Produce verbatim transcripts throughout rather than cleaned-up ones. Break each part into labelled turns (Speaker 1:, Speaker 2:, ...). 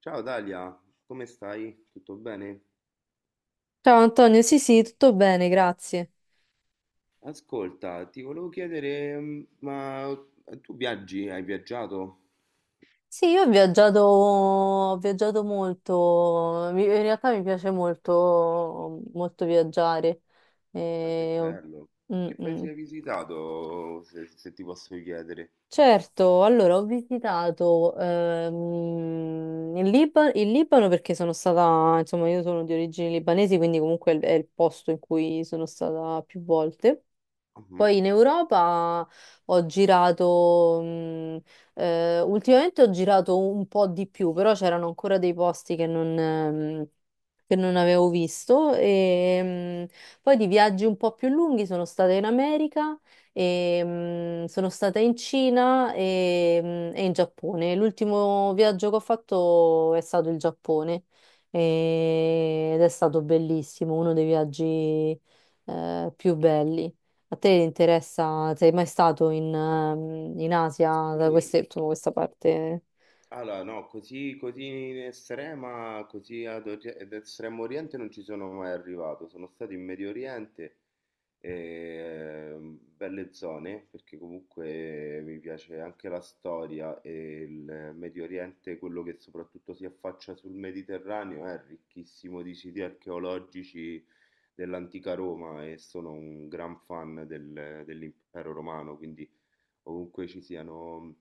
Speaker 1: Ciao Dalia, come stai? Tutto bene?
Speaker 2: Ciao Antonio, sì sì, tutto bene, grazie.
Speaker 1: Ascolta, ti volevo chiedere, mm, ma tu viaggi? Hai viaggiato?
Speaker 2: Sì, io ho viaggiato, ho viaggiato molto. Mi- in realtà mi piace molto, molto viaggiare.
Speaker 1: Ah, che
Speaker 2: Eh, ho-
Speaker 1: bello!
Speaker 2: mm,
Speaker 1: Che
Speaker 2: mm.
Speaker 1: paesi hai visitato, se, se ti posso chiedere?
Speaker 2: Certo, allora ho visitato ehm, il Liba- il Libano, perché sono stata, insomma, io sono di origini libanesi, quindi comunque è il è il posto in cui sono stata più volte.
Speaker 1: Mhm.
Speaker 2: Poi in Europa ho girato, mh, eh, ultimamente ho girato un po' di più, però c'erano ancora dei posti che non, ehm, che non avevo visto. E, mh, poi di viaggi un po' più lunghi sono stata in America, e, mh, sono stata in Cina e, mh, e in Giappone. L'ultimo viaggio che ho fatto è stato il Giappone e- ed è stato bellissimo, uno dei viaggi eh, più belli. A te interessa, sei mai stato in, ehm, in Asia, da
Speaker 1: Sì,
Speaker 2: queste- insomma, questa parte?
Speaker 1: allora, no, così, così in estrema, così ad, ori- ad Estremo Oriente non ci sono mai arrivato. Sono stato in Medio Oriente, ehm, belle zone, perché comunque mi piace anche la storia e il Medio Oriente, quello che soprattutto si affaccia sul Mediterraneo, è ricchissimo di siti archeologici dell'antica Roma e sono un gran fan del- dell'impero romano, quindi ovunque ci siano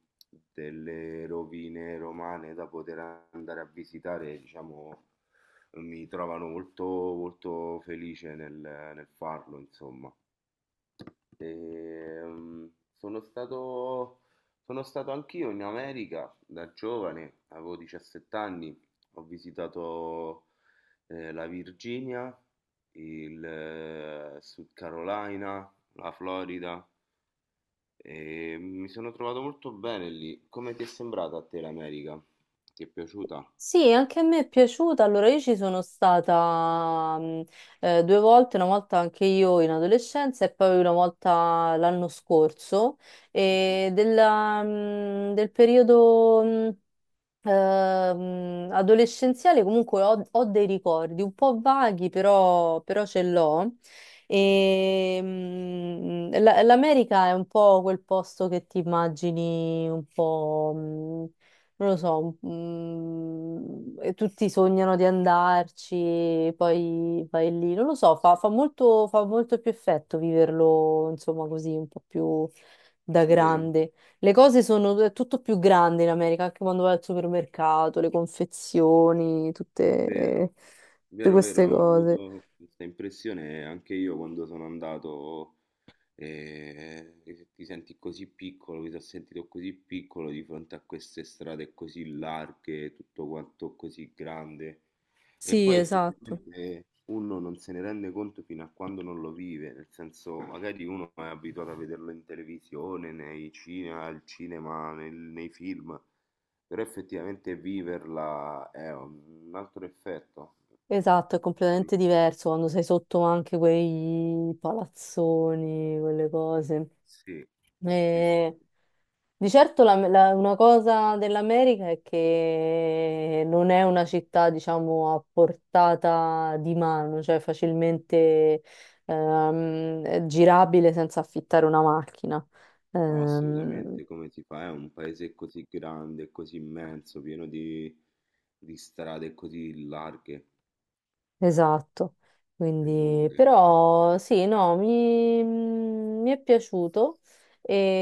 Speaker 1: delle rovine romane da poter andare a visitare, diciamo, mi trovano molto, molto felice nel, nel farlo, insomma. Ehm, sono stato, sono stato anch'io in America da giovane, avevo diciassette anni, ho visitato eh, la Virginia, il eh, Sud Carolina, la Florida, e mi sono trovato molto bene lì. Come ti è sembrata a te l'America? Ti è piaciuta?
Speaker 2: Sì, anche a me è piaciuta. Allora, io ci sono stata mm, eh, due volte, una volta anche io in adolescenza e poi una volta l'anno scorso.
Speaker 1: Mhm,
Speaker 2: E della, mm, del periodo. Mm, Ehm, adolescenziale comunque ho, ho dei ricordi un po' vaghi, però, però ce l'ho.
Speaker 1: mhm,
Speaker 2: E, mm, la- L'America è un po' quel posto che ti immagini un po', mm, non lo so, mm, e tutti sognano di andarci, poi vai lì, non lo so, fa,
Speaker 1: sì.
Speaker 2: fa molto, fa molto più effetto viverlo, insomma, così un po' più da
Speaker 1: Vero,
Speaker 2: grande. Le cose sono è tutto più grande in America, anche quando vai al supermercato, le confezioni, tutte,
Speaker 1: vero,
Speaker 2: tutte
Speaker 1: vero, vero,
Speaker 2: queste
Speaker 1: ho
Speaker 2: cose.
Speaker 1: avuto questa impressione anche io quando sono andato, eh, che ti senti così piccolo, mi sono sentito così piccolo di fronte a queste strade così larghe, tutto quanto così grande. E
Speaker 2: Sì,
Speaker 1: poi
Speaker 2: esatto.
Speaker 1: effettivamente uno non se ne rende conto fino a quando non lo vive, nel senso magari uno è abituato a vederlo in televisione, nei cinema, al cinema, nel- nei film, però effettivamente viverla è un altro effetto.
Speaker 2: Esatto, è completamente diverso quando sei sotto anche quei palazzoni, quelle cose.
Speaker 1: Sì, sì,
Speaker 2: Eh,
Speaker 1: sì,
Speaker 2: di certo la- la- una cosa dell'America è che non è una città, diciamo, a portata di mano, cioè facilmente ehm, girabile senza affittare una macchina.
Speaker 1: no,
Speaker 2: Ehm,
Speaker 1: assolutamente, come si fa? È un paese così grande, così immenso, pieno di, di strade così larghe
Speaker 2: Esatto,
Speaker 1: e
Speaker 2: quindi
Speaker 1: lunghe.
Speaker 2: però sì, no, mi, mi è piaciuto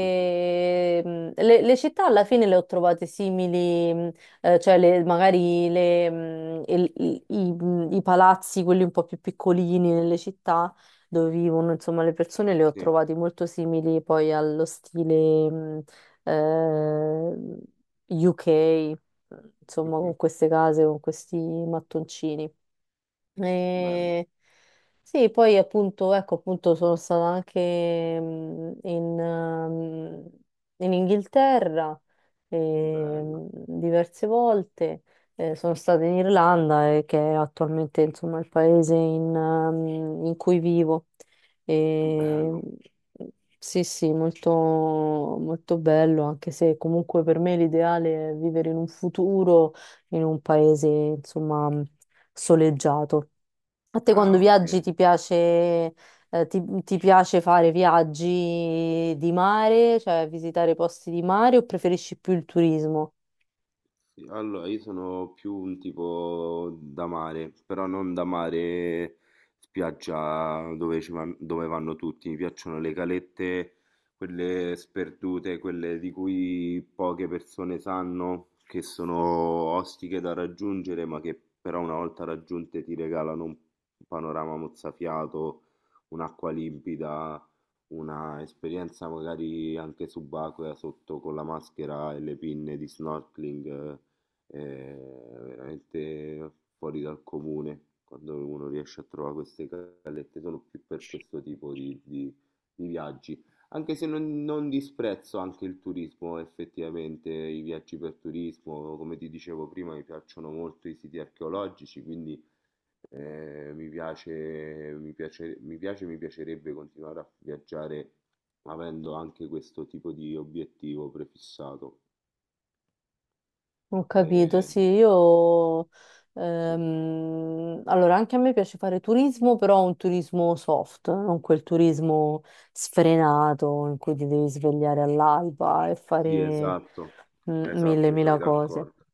Speaker 2: mm, le, le città alla fine le ho trovate simili, mm, eh, cioè le- magari le, mm, il- i, i- mm, i palazzi, quelli un po' più piccolini nelle città dove vivono, insomma, le persone le ho
Speaker 1: Sì.
Speaker 2: trovati molto simili poi allo stile mm, eh, U K, insomma, con queste case, con questi mattoncini.
Speaker 1: Bello,
Speaker 2: E sì, poi appunto, ecco, appunto sono stata anche mm, in, ehm, in Inghilterra
Speaker 1: bello,
Speaker 2: ehm, diverse volte, eh, sono stata in Irlanda, eh, che è attualmente insomma il paese in, ehm, in cui vivo. E,
Speaker 1: bello.
Speaker 2: sì, sì, molto, molto bello, anche se comunque per me l'ideale è vivere in un futuro in un paese insomma soleggiato. A te quando
Speaker 1: Ah,
Speaker 2: viaggi
Speaker 1: ok.
Speaker 2: ti piace, eh, ti, ti piace fare viaggi di mare, cioè visitare posti di mare o preferisci più il turismo?
Speaker 1: Sì, allora, io sono più un tipo da mare, però non da mare spiaggia dove, ci van- dove vanno tutti. Mi piacciono le calette, quelle sperdute, quelle di cui poche persone sanno, che sono ostiche da raggiungere, ma che però una volta raggiunte ti regalano un panorama mozzafiato, un'acqua limpida, una esperienza magari anche subacquea sotto con la maschera e le pinne di snorkeling. Eh, è veramente fuori dal comune quando uno riesce a trovare queste callette, sono più per questo tipo di, di- di viaggi. Anche se non, non disprezzo anche il turismo, effettivamente, i viaggi per turismo, come ti dicevo prima, mi piacciono molto i siti archeologici, quindi eh, mi piace, mi piace, mi piace, mi piacerebbe continuare a viaggiare avendo anche questo tipo di obiettivo prefissato.
Speaker 2: Ho capito,
Speaker 1: Eh,
Speaker 2: sì, io...
Speaker 1: sì.
Speaker 2: ehm, allora, anche a me piace fare turismo, però un turismo soft, non quel turismo sfrenato in cui ti devi svegliare all'alba e
Speaker 1: Sì,
Speaker 2: fare
Speaker 1: esatto,
Speaker 2: mm, mille,
Speaker 1: esatto, mi trovi
Speaker 2: mille cose.
Speaker 1: d'accordo.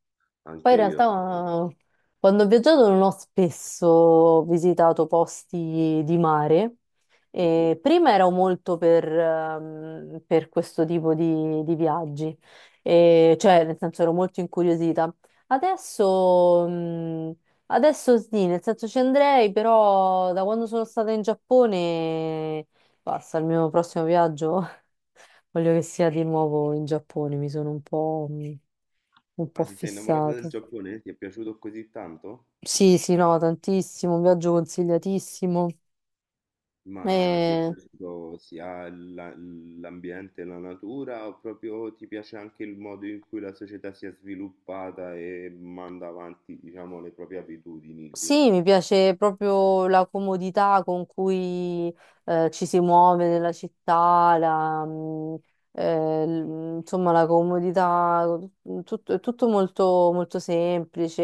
Speaker 2: Poi
Speaker 1: Anche
Speaker 2: in
Speaker 1: io sono...
Speaker 2: realtà quando ho viaggiato non ho spesso visitato posti di mare.
Speaker 1: Mhm.
Speaker 2: E prima ero molto per, ehm, per questo tipo di, di viaggi. E cioè nel senso ero molto incuriosita. Adesso, mh, adesso sì, nel senso ci andrei, però da quando sono stata in Giappone, basta, il mio prossimo viaggio voglio che sia di nuovo in Giappone, mi sono un po', mh, un po'
Speaker 1: Ah, ti sei innamorata del
Speaker 2: fissata.
Speaker 1: Giappone? Ti è piaciuto così tanto?
Speaker 2: Sì, sì, no, tantissimo, un viaggio consigliatissimo.
Speaker 1: Ma ti è
Speaker 2: E-
Speaker 1: piaciuto sia la- l'ambiente, la natura, o proprio ti piace anche il modo in cui la società si è sviluppata e manda avanti, diciamo, le proprie abitudini lì?
Speaker 2: Sì, mi piace proprio la comodità con cui eh, ci si muove nella città, la, mm, eh, l- insomma la comodità, mm, tutto, è tutto molto, molto semplice,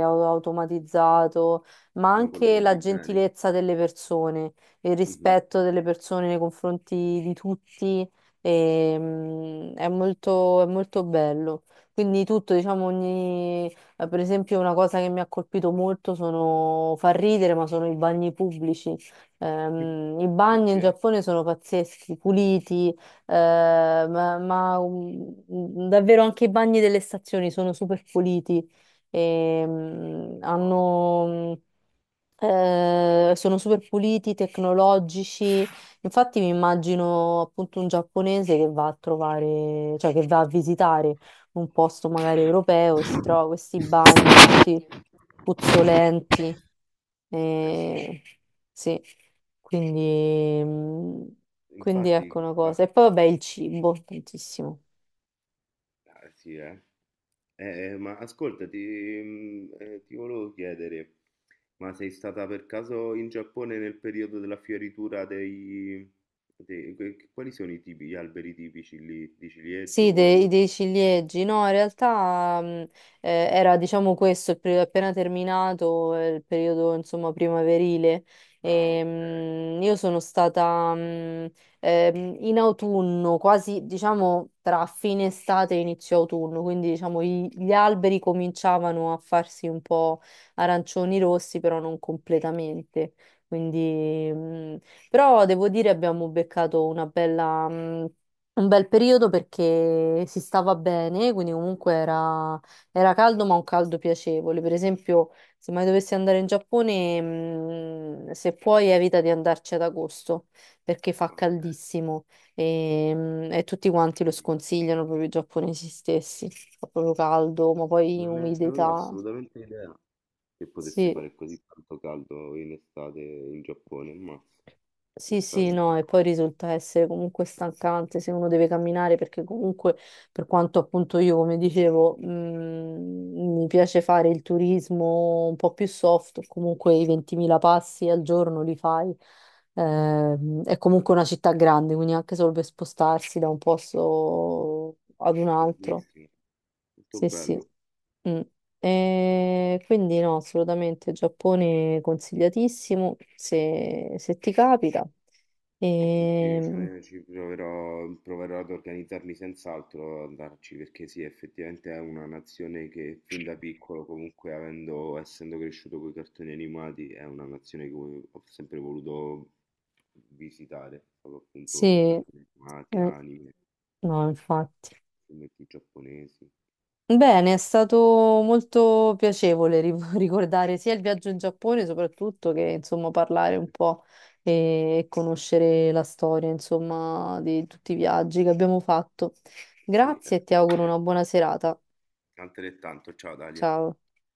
Speaker 2: au- automatizzato, ma
Speaker 1: Sono
Speaker 2: anche la
Speaker 1: collegati bene?
Speaker 2: gentilezza delle persone, il
Speaker 1: Mhm.
Speaker 2: rispetto delle persone nei confronti di tutti, e, mm, è molto, è molto bello. Quindi tutto, diciamo, ogni eh, per esempio, una cosa che mi ha colpito molto sono, fa ridere, ma sono i bagni pubblici. Ehm, i bagni in
Speaker 1: Perché?
Speaker 2: Giappone sono pazzeschi, puliti, eh, ma, ma, mm, davvero anche i bagni delle stazioni sono super puliti. E, mm,
Speaker 1: Wow.
Speaker 2: hanno, mm, eh, sono super puliti, tecnologici. Infatti, mi immagino appunto un giapponese che va a trovare, cioè che va a visitare un posto magari europeo e si trova questi bagni tutti puzzolenti.
Speaker 1: Eh sì,
Speaker 2: Eh, sì, quindi, mm, quindi
Speaker 1: infatti,
Speaker 2: ecco una
Speaker 1: chissà.
Speaker 2: cosa. E poi vabbè il cibo, tantissimo.
Speaker 1: Ah, sì, eh. Eh, eh, ma ascolta, ti, mm, eh, ti volevo chiedere, ma sei stata per caso in Giappone nel periodo della fioritura dei... dei- que- quali sono i tipi, gli alberi tipici lì, di ciliegio?
Speaker 2: Sì,
Speaker 1: Come-
Speaker 2: dei,
Speaker 1: come-
Speaker 2: dei ciliegi, no, in realtà mh, eh, era diciamo questo, il periodo appena terminato, eh, il periodo insomma primaverile.
Speaker 1: Ah,
Speaker 2: E,
Speaker 1: ok,
Speaker 2: mh, io sono stata mh, ehm, in autunno, quasi diciamo tra fine estate e inizio autunno, quindi diciamo i- gli alberi cominciavano a farsi un po' arancioni rossi, però non completamente. Quindi, mh, però devo dire abbiamo beccato una bella... mh, un bel periodo perché si stava bene, quindi comunque era, era caldo, ma un caldo piacevole. Per esempio, se mai dovessi andare in Giappone, mm, se puoi evita di andarci ad agosto perché fa
Speaker 1: ah, ok,
Speaker 2: caldissimo e, mm, e tutti
Speaker 1: ah,
Speaker 2: quanti lo
Speaker 1: vedi.
Speaker 2: sconsigliano proprio i giapponesi stessi. Fa proprio caldo, ma poi
Speaker 1: Non ne avevo
Speaker 2: umidità.
Speaker 1: assolutamente idea che potesse
Speaker 2: Sì.
Speaker 1: fare così tanto caldo in estate in Giappone, ma
Speaker 2: Sì, sì,
Speaker 1: l'estate in
Speaker 2: no, e
Speaker 1: Giappone,
Speaker 2: poi risulta essere comunque stancante se uno deve camminare perché comunque per quanto appunto io, come dicevo, mm, mi piace fare il turismo un po' più soft, comunque i ventimila passi al giorno li fai. Ehm, è comunque una città grande, quindi anche solo per spostarsi da un posto ad un altro.
Speaker 1: bellissimo, molto
Speaker 2: Sì, sì.
Speaker 1: bello.
Speaker 2: Mm. E quindi no, assolutamente Giappone consigliatissimo se, se ti capita.
Speaker 1: Sì,
Speaker 2: E,
Speaker 1: cioè, ci proverò, proverò ad organizzarmi senz'altro ad andarci perché sì, effettivamente è una nazione che fin da piccolo, comunque avendo, essendo cresciuto con i cartoni animati, è una nazione che ho ho sempre voluto visitare, proprio
Speaker 2: sì,
Speaker 1: appunto i
Speaker 2: eh,
Speaker 1: cartoni animati, anime,
Speaker 2: no, infatti.
Speaker 1: fumetti giapponesi.
Speaker 2: Bene, è stato molto piacevole ri- ricordare sia il viaggio in Giappone, soprattutto che insomma parlare un po' e, e conoscere la storia, insomma, di tutti i viaggi che abbiamo fatto.
Speaker 1: Sì, è
Speaker 2: Grazie e ti
Speaker 1: stato un
Speaker 2: auguro una buona
Speaker 1: piacere.
Speaker 2: serata.
Speaker 1: Altrettanto, ciao Dalia.
Speaker 2: Ciao.